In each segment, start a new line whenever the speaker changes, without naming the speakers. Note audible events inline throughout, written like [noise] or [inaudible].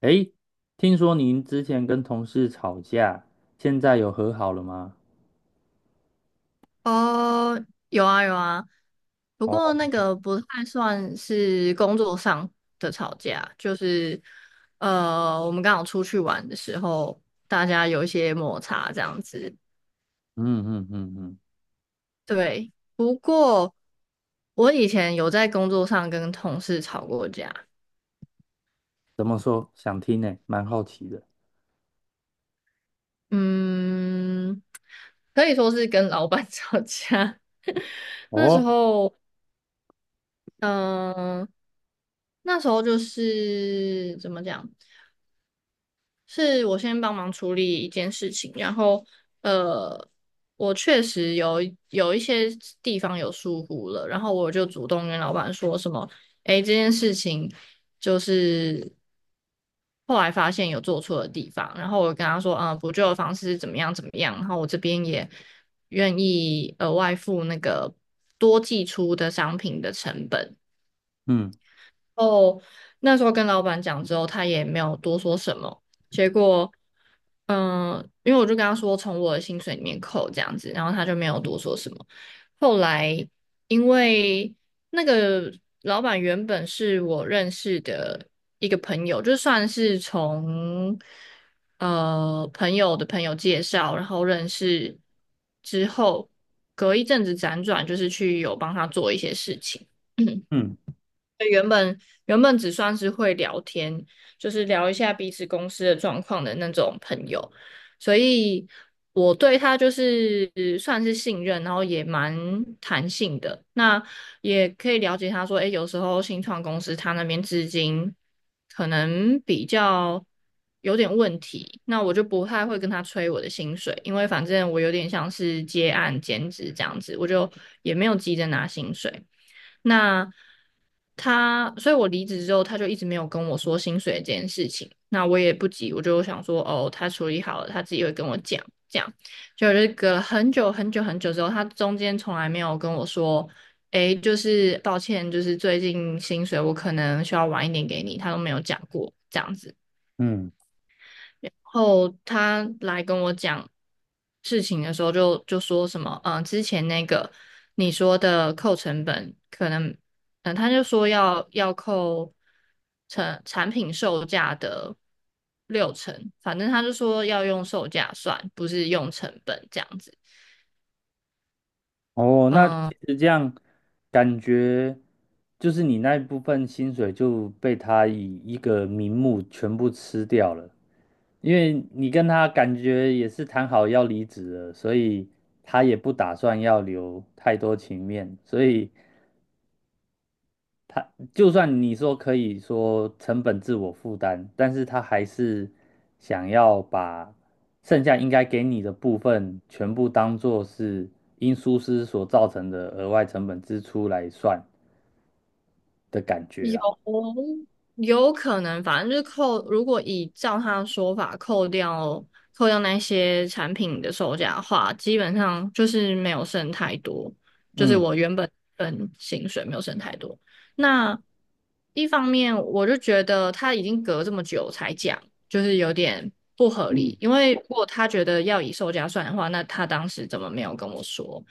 诶，听说您之前跟同事吵架，现在有和好了吗？
哦，有啊有啊，不过
哦，
那个不太算是工作上的吵架，就是我们刚好出去玩的时候，大家有一些摩擦这样子。
嗯嗯嗯嗯，
对，不过我以前有在工作上跟同事吵过架。
怎么说？想听呢，蛮好奇的。
嗯，可以说是跟老板 [laughs] 吵架。那时
哦，
候，嗯、那时候就是怎么讲？是我先帮忙处理一件事情，然后呃，我确实有一些地方有疏忽了，然后我就主动跟老板说什么，诶，这件事情就是后来发现有做错的地方，然后我跟他说，嗯、补救的方式是怎么样怎么样，然后我这边也愿意额外付那个多寄出的商品的成本。
嗯
后那时候跟老板讲之后，他也没有多说什么。结果，嗯，因为我就跟他说从我的薪水里面扣这样子，然后他就没有多说什么。后来因为那个老板原本是我认识的一个朋友，就算是从朋友的朋友介绍，然后认识之后，隔一阵子辗转，就是去有帮他做一些事情。[clears throat]
嗯
原本原本只算是会聊天，就是聊一下彼此公司的状况的那种朋友，所以我对他就是算是信任，然后也蛮弹性的。那也可以了解他说，诶，有时候新创公司他那边资金可能比较有点问题，那我就不太会跟他催我的薪水，因为反正我有点像是接案兼职这样子，我就也没有急着拿薪水。那他，所以我离职之后，他就一直没有跟我说薪水这件事情。那我也不急，我就想说，哦，他处理好了，他自己会跟我讲。这样，就是隔了很久很久很久之后，他中间从来没有跟我说，诶，就是抱歉，就是最近薪水我可能需要晚一点给你，他都没有讲过这样子。
嗯，
后他来跟我讲事情的时候就，就说什么，嗯、之前那个你说的扣成本，可能，嗯、他就说要扣成产品售价的六成，反正他就说要用售价算，不是用成本这样子。
哦，那其
嗯、
实这样感觉就是你那一部分薪水就被他以一个名目全部吃掉了，因为你跟他感觉也是谈好要离职了，所以他也不打算要留太多情面，所以。就算你说可以说成本自我负担，但是他还是想要把剩下应该给你的部分全部当做是因疏失所造成的额外成本支出来算的感觉啦。
有有可能，反正就是扣，如果以照他的说法扣掉那些产品的售价的话，基本上就是没有剩太多，就是
嗯
我原本本薪水没有剩太多。那一方面，我就觉得他已经隔这么久才讲，就是有点不合
嗯，
理，因为如果他觉得要以售价算的话，那他当时怎么没有跟我说？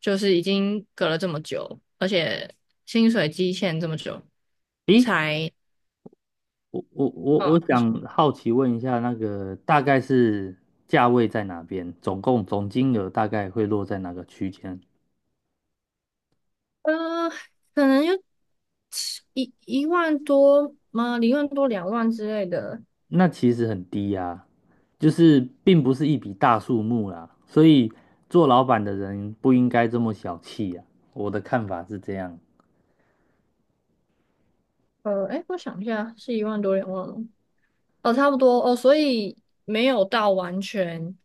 就是已经隔了这么久，而且薪水期限这么久，
咦，
才
我我我
嗯，
我
你说
想好奇问一下，那个大概是价位在哪边？总共总金额大概会落在哪个区间？
呃，可能就一万多吗？一万多两万之类的。
那其实很低呀、就是并不是一笔大数目啦，所以做老板的人不应该这么小气呀、我的看法是这样。
哎，我想一下，是一万多两万吗？哦，差不多哦，所以没有到完全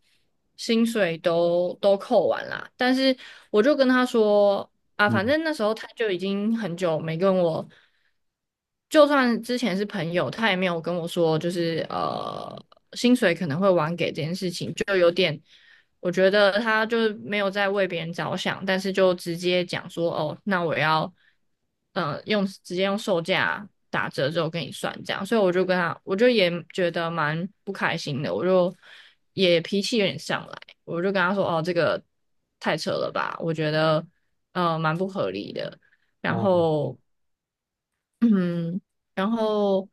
薪水都扣完啦。但是我就跟他说啊，反
嗯，
正那时候他就已经很久没跟我，就算之前是朋友，他也没有跟我说，就是薪水可能会晚给这件事情，就有点。我觉得他就是没有在为别人着想，但是就直接讲说，哦，那我要，嗯，直接用售价打折之后跟你算这样，所以我就跟他，我就也觉得蛮不开心的，我就也脾气有点上来，我就跟他说，哦，这个太扯了吧，我觉得蛮不合理的，然
哦，
后嗯，然后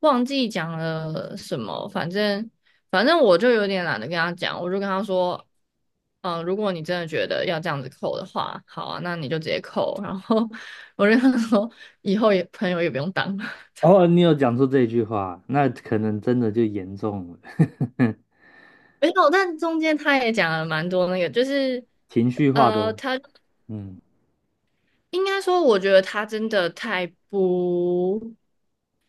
忘记讲了什么，反正我就有点懒得跟他讲，我就跟他说，嗯，如果你真的觉得要这样子扣的话，好啊，那你就直接扣。然后我就跟他说，以后也朋友也不用当了。
哦，你有讲出这句话，那可能真的就严重了，[laughs]
[laughs] 没有，但中间他也讲了蛮多那个，就是
情绪化的，
他
嗯
应该说，我觉得他真的太不。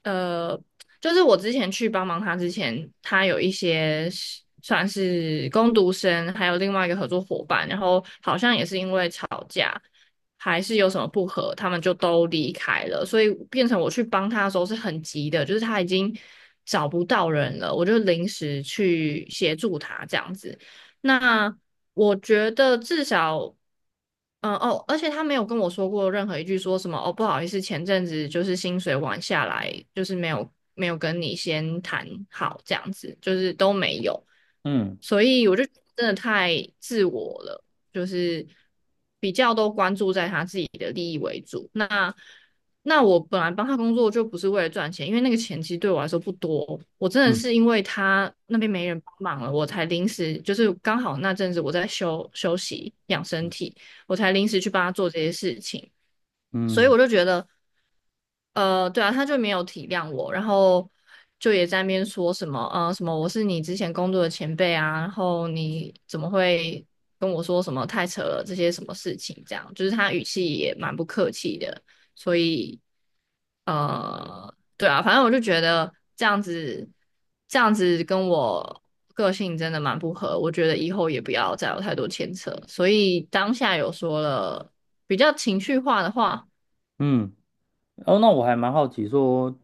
呃，就是我之前去帮忙他之前，他有一些是算是工读生，还有另外一个合作伙伴，然后好像也是因为吵架，还是有什么不和，他们就都离开了，所以变成我去帮他的时候是很急的，就是他已经找不到人了，我就临时去协助他这样子。那我觉得至少。嗯哦，而且他没有跟我说过任何一句说什么哦，不好意思，前阵子就是薪水晚下来，就是没有跟你先谈好这样子，就是都没有，
嗯
所以我就觉得真的太自我了，就是比较都关注在他自己的利益为主。那我本来帮他工作就不是为了赚钱，因为那个钱其实对我来说不多，我真的
嗯
是因为他那边没人帮忙了，我才临时就是刚好那阵子我在休息养身体。我才临时去帮他做这些事情。所以
嗯
我就觉得对啊，他就没有体谅我，然后就也在那边说什么，什么我是你之前工作的前辈啊，然后你怎么会跟我说什么太扯了这些什么事情，这样就是他语气也蛮不客气的，所以对啊，反正我就觉得这样子跟我个性真的蛮不合，我觉得以后也不要再有太多牵扯，所以当下有说了比较情绪化的话。
嗯。哦，那我还蛮好奇说，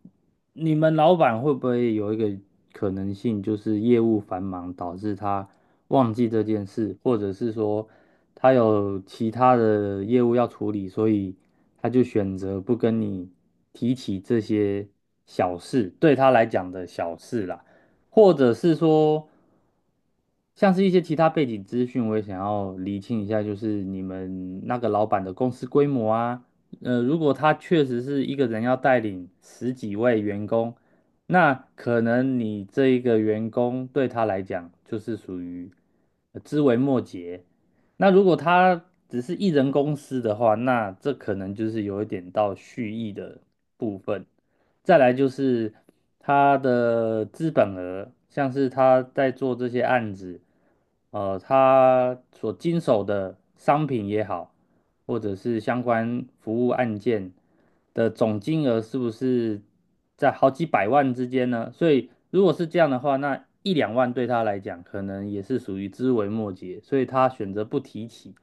你们老板会不会有一个可能性，就是业务繁忙导致他忘记这件事，或者是说他有其他的业务要处理，所以他就选择不跟你提起这些小事，对他来讲的小事啦，或者是说，像是一些其他背景资讯，我也想要厘清一下，就是你们那个老板的公司规模啊。如果他确实是一个人要带领十几位员工，那可能你这一个员工对他来讲就是属于枝微末节。那如果他只是一人公司的话，那这可能就是有一点到蓄意的部分。再来就是他的资本额，像是他在做这些案子，他所经手的商品也好。或者是相关服务案件的总金额是不是在好几百万之间呢？所以如果是这样的话，那一两万对他来讲可能也是属于枝微末节，所以他选择不提起。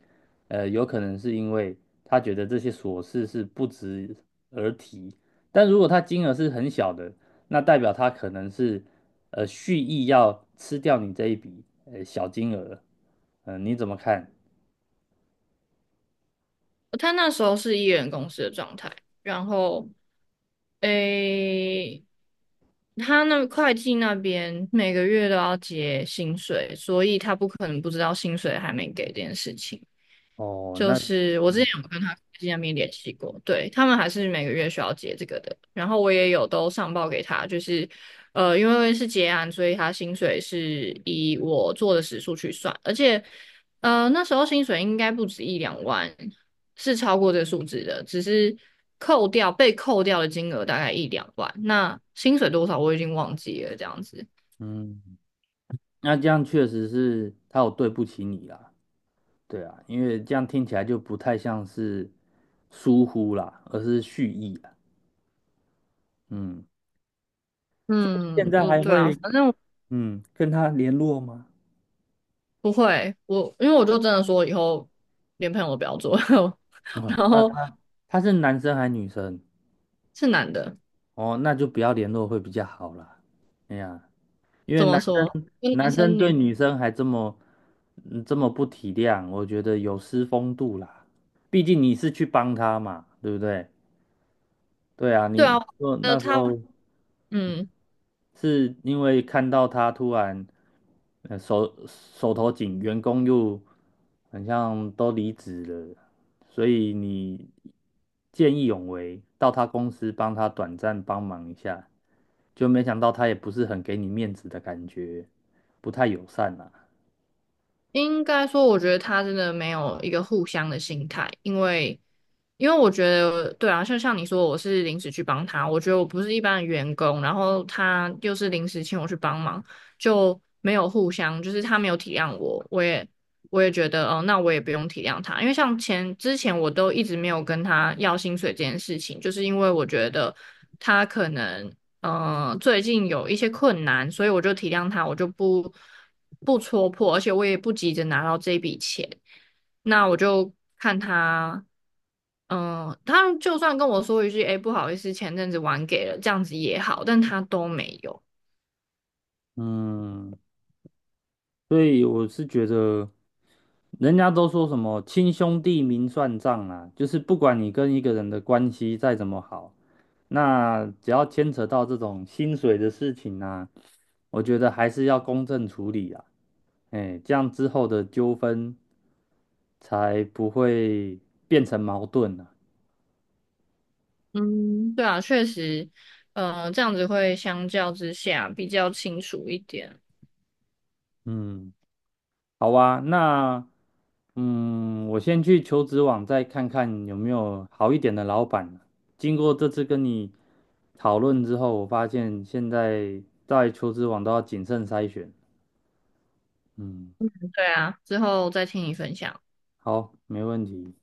有可能是因为他觉得这些琐事是不值而提。但如果他金额是很小的，那代表他可能是蓄意要吃掉你这一笔小金额。嗯、你怎么看？
他那时候是艺人公司的状态，然后诶，他那会计那边每个月都要结薪水，所以他不可能不知道薪水还没给这件事情。
哦，
就
那
是我之前有跟他科技那边联系过，对，他们还是每个月需要结这个的，然后我也有都上报给他，因为是结案，所以他薪水是以我做的时数去算，而且那时候薪水应该不止一两万，是超过这个数字的，只是扣掉被扣掉的金额大概一两万，那薪水多少我已经忘记了，这样子。
嗯。那这样确实是他有对不起你啦，对啊，因为这样听起来就不太像是疏忽啦，而是蓄意啦，嗯，所以你现
嗯，
在
嗯，
还
对啊，
会
反正。
跟他联络吗？
不会，因为我就真的说以后连朋友都不要做，[laughs]
啊，
然
他
后
他他是男生还是女生？
是男的。
哦，那就不要联络会比较好啦。哎呀，因为
怎么
男
说？
生
跟男
男生
生
对
女，
女生还这么这么不体谅，我觉得有失风度啦。毕竟你是去帮他嘛，对不对？对啊，
对
你
啊，
说那时
他
候。
嗯。
是因为看到他突然，手头紧，员工又很像都离职了，所以你见义勇为，到他公司帮他短暂帮忙一下，就没想到他也不是很给你面子的感觉，不太友善啦。
应该说，我觉得他真的没有一个互相的心态，因为我觉得，对啊，就像你说，我是临时去帮他，我觉得我不是一般的员工，然后他又是临时请我去帮忙，就没有互相，就是他没有体谅我，我也觉得，哦，那我也不用体谅他，因为像之前我都一直没有跟他要薪水这件事情，就是因为我觉得他可能嗯、最近有一些困难，所以我就体谅他，我就不不戳破，而且我也不急着拿到这笔钱。那我就看他，嗯、他就算跟我说一句，哎、不好意思，前阵子晚给了，这样子也好，但他都没有。
嗯，所以我是觉得，人家都说什么亲兄弟明算账啊，就是不管你跟一个人的关系再怎么好，那只要牵扯到这种薪水的事情啊，我觉得还是要公正处理啊，哎，这样之后的纠纷才不会变成矛盾啊。
嗯，对啊，确实，这样子会相较之下比较清楚一点。
嗯，好啊，那。嗯，我先去求职网再看看有没有好一点的老板。经过这次跟你讨论之后，我发现现在在求职网都要谨慎筛选。嗯，
对啊，之后再听你分享。
好，没问题。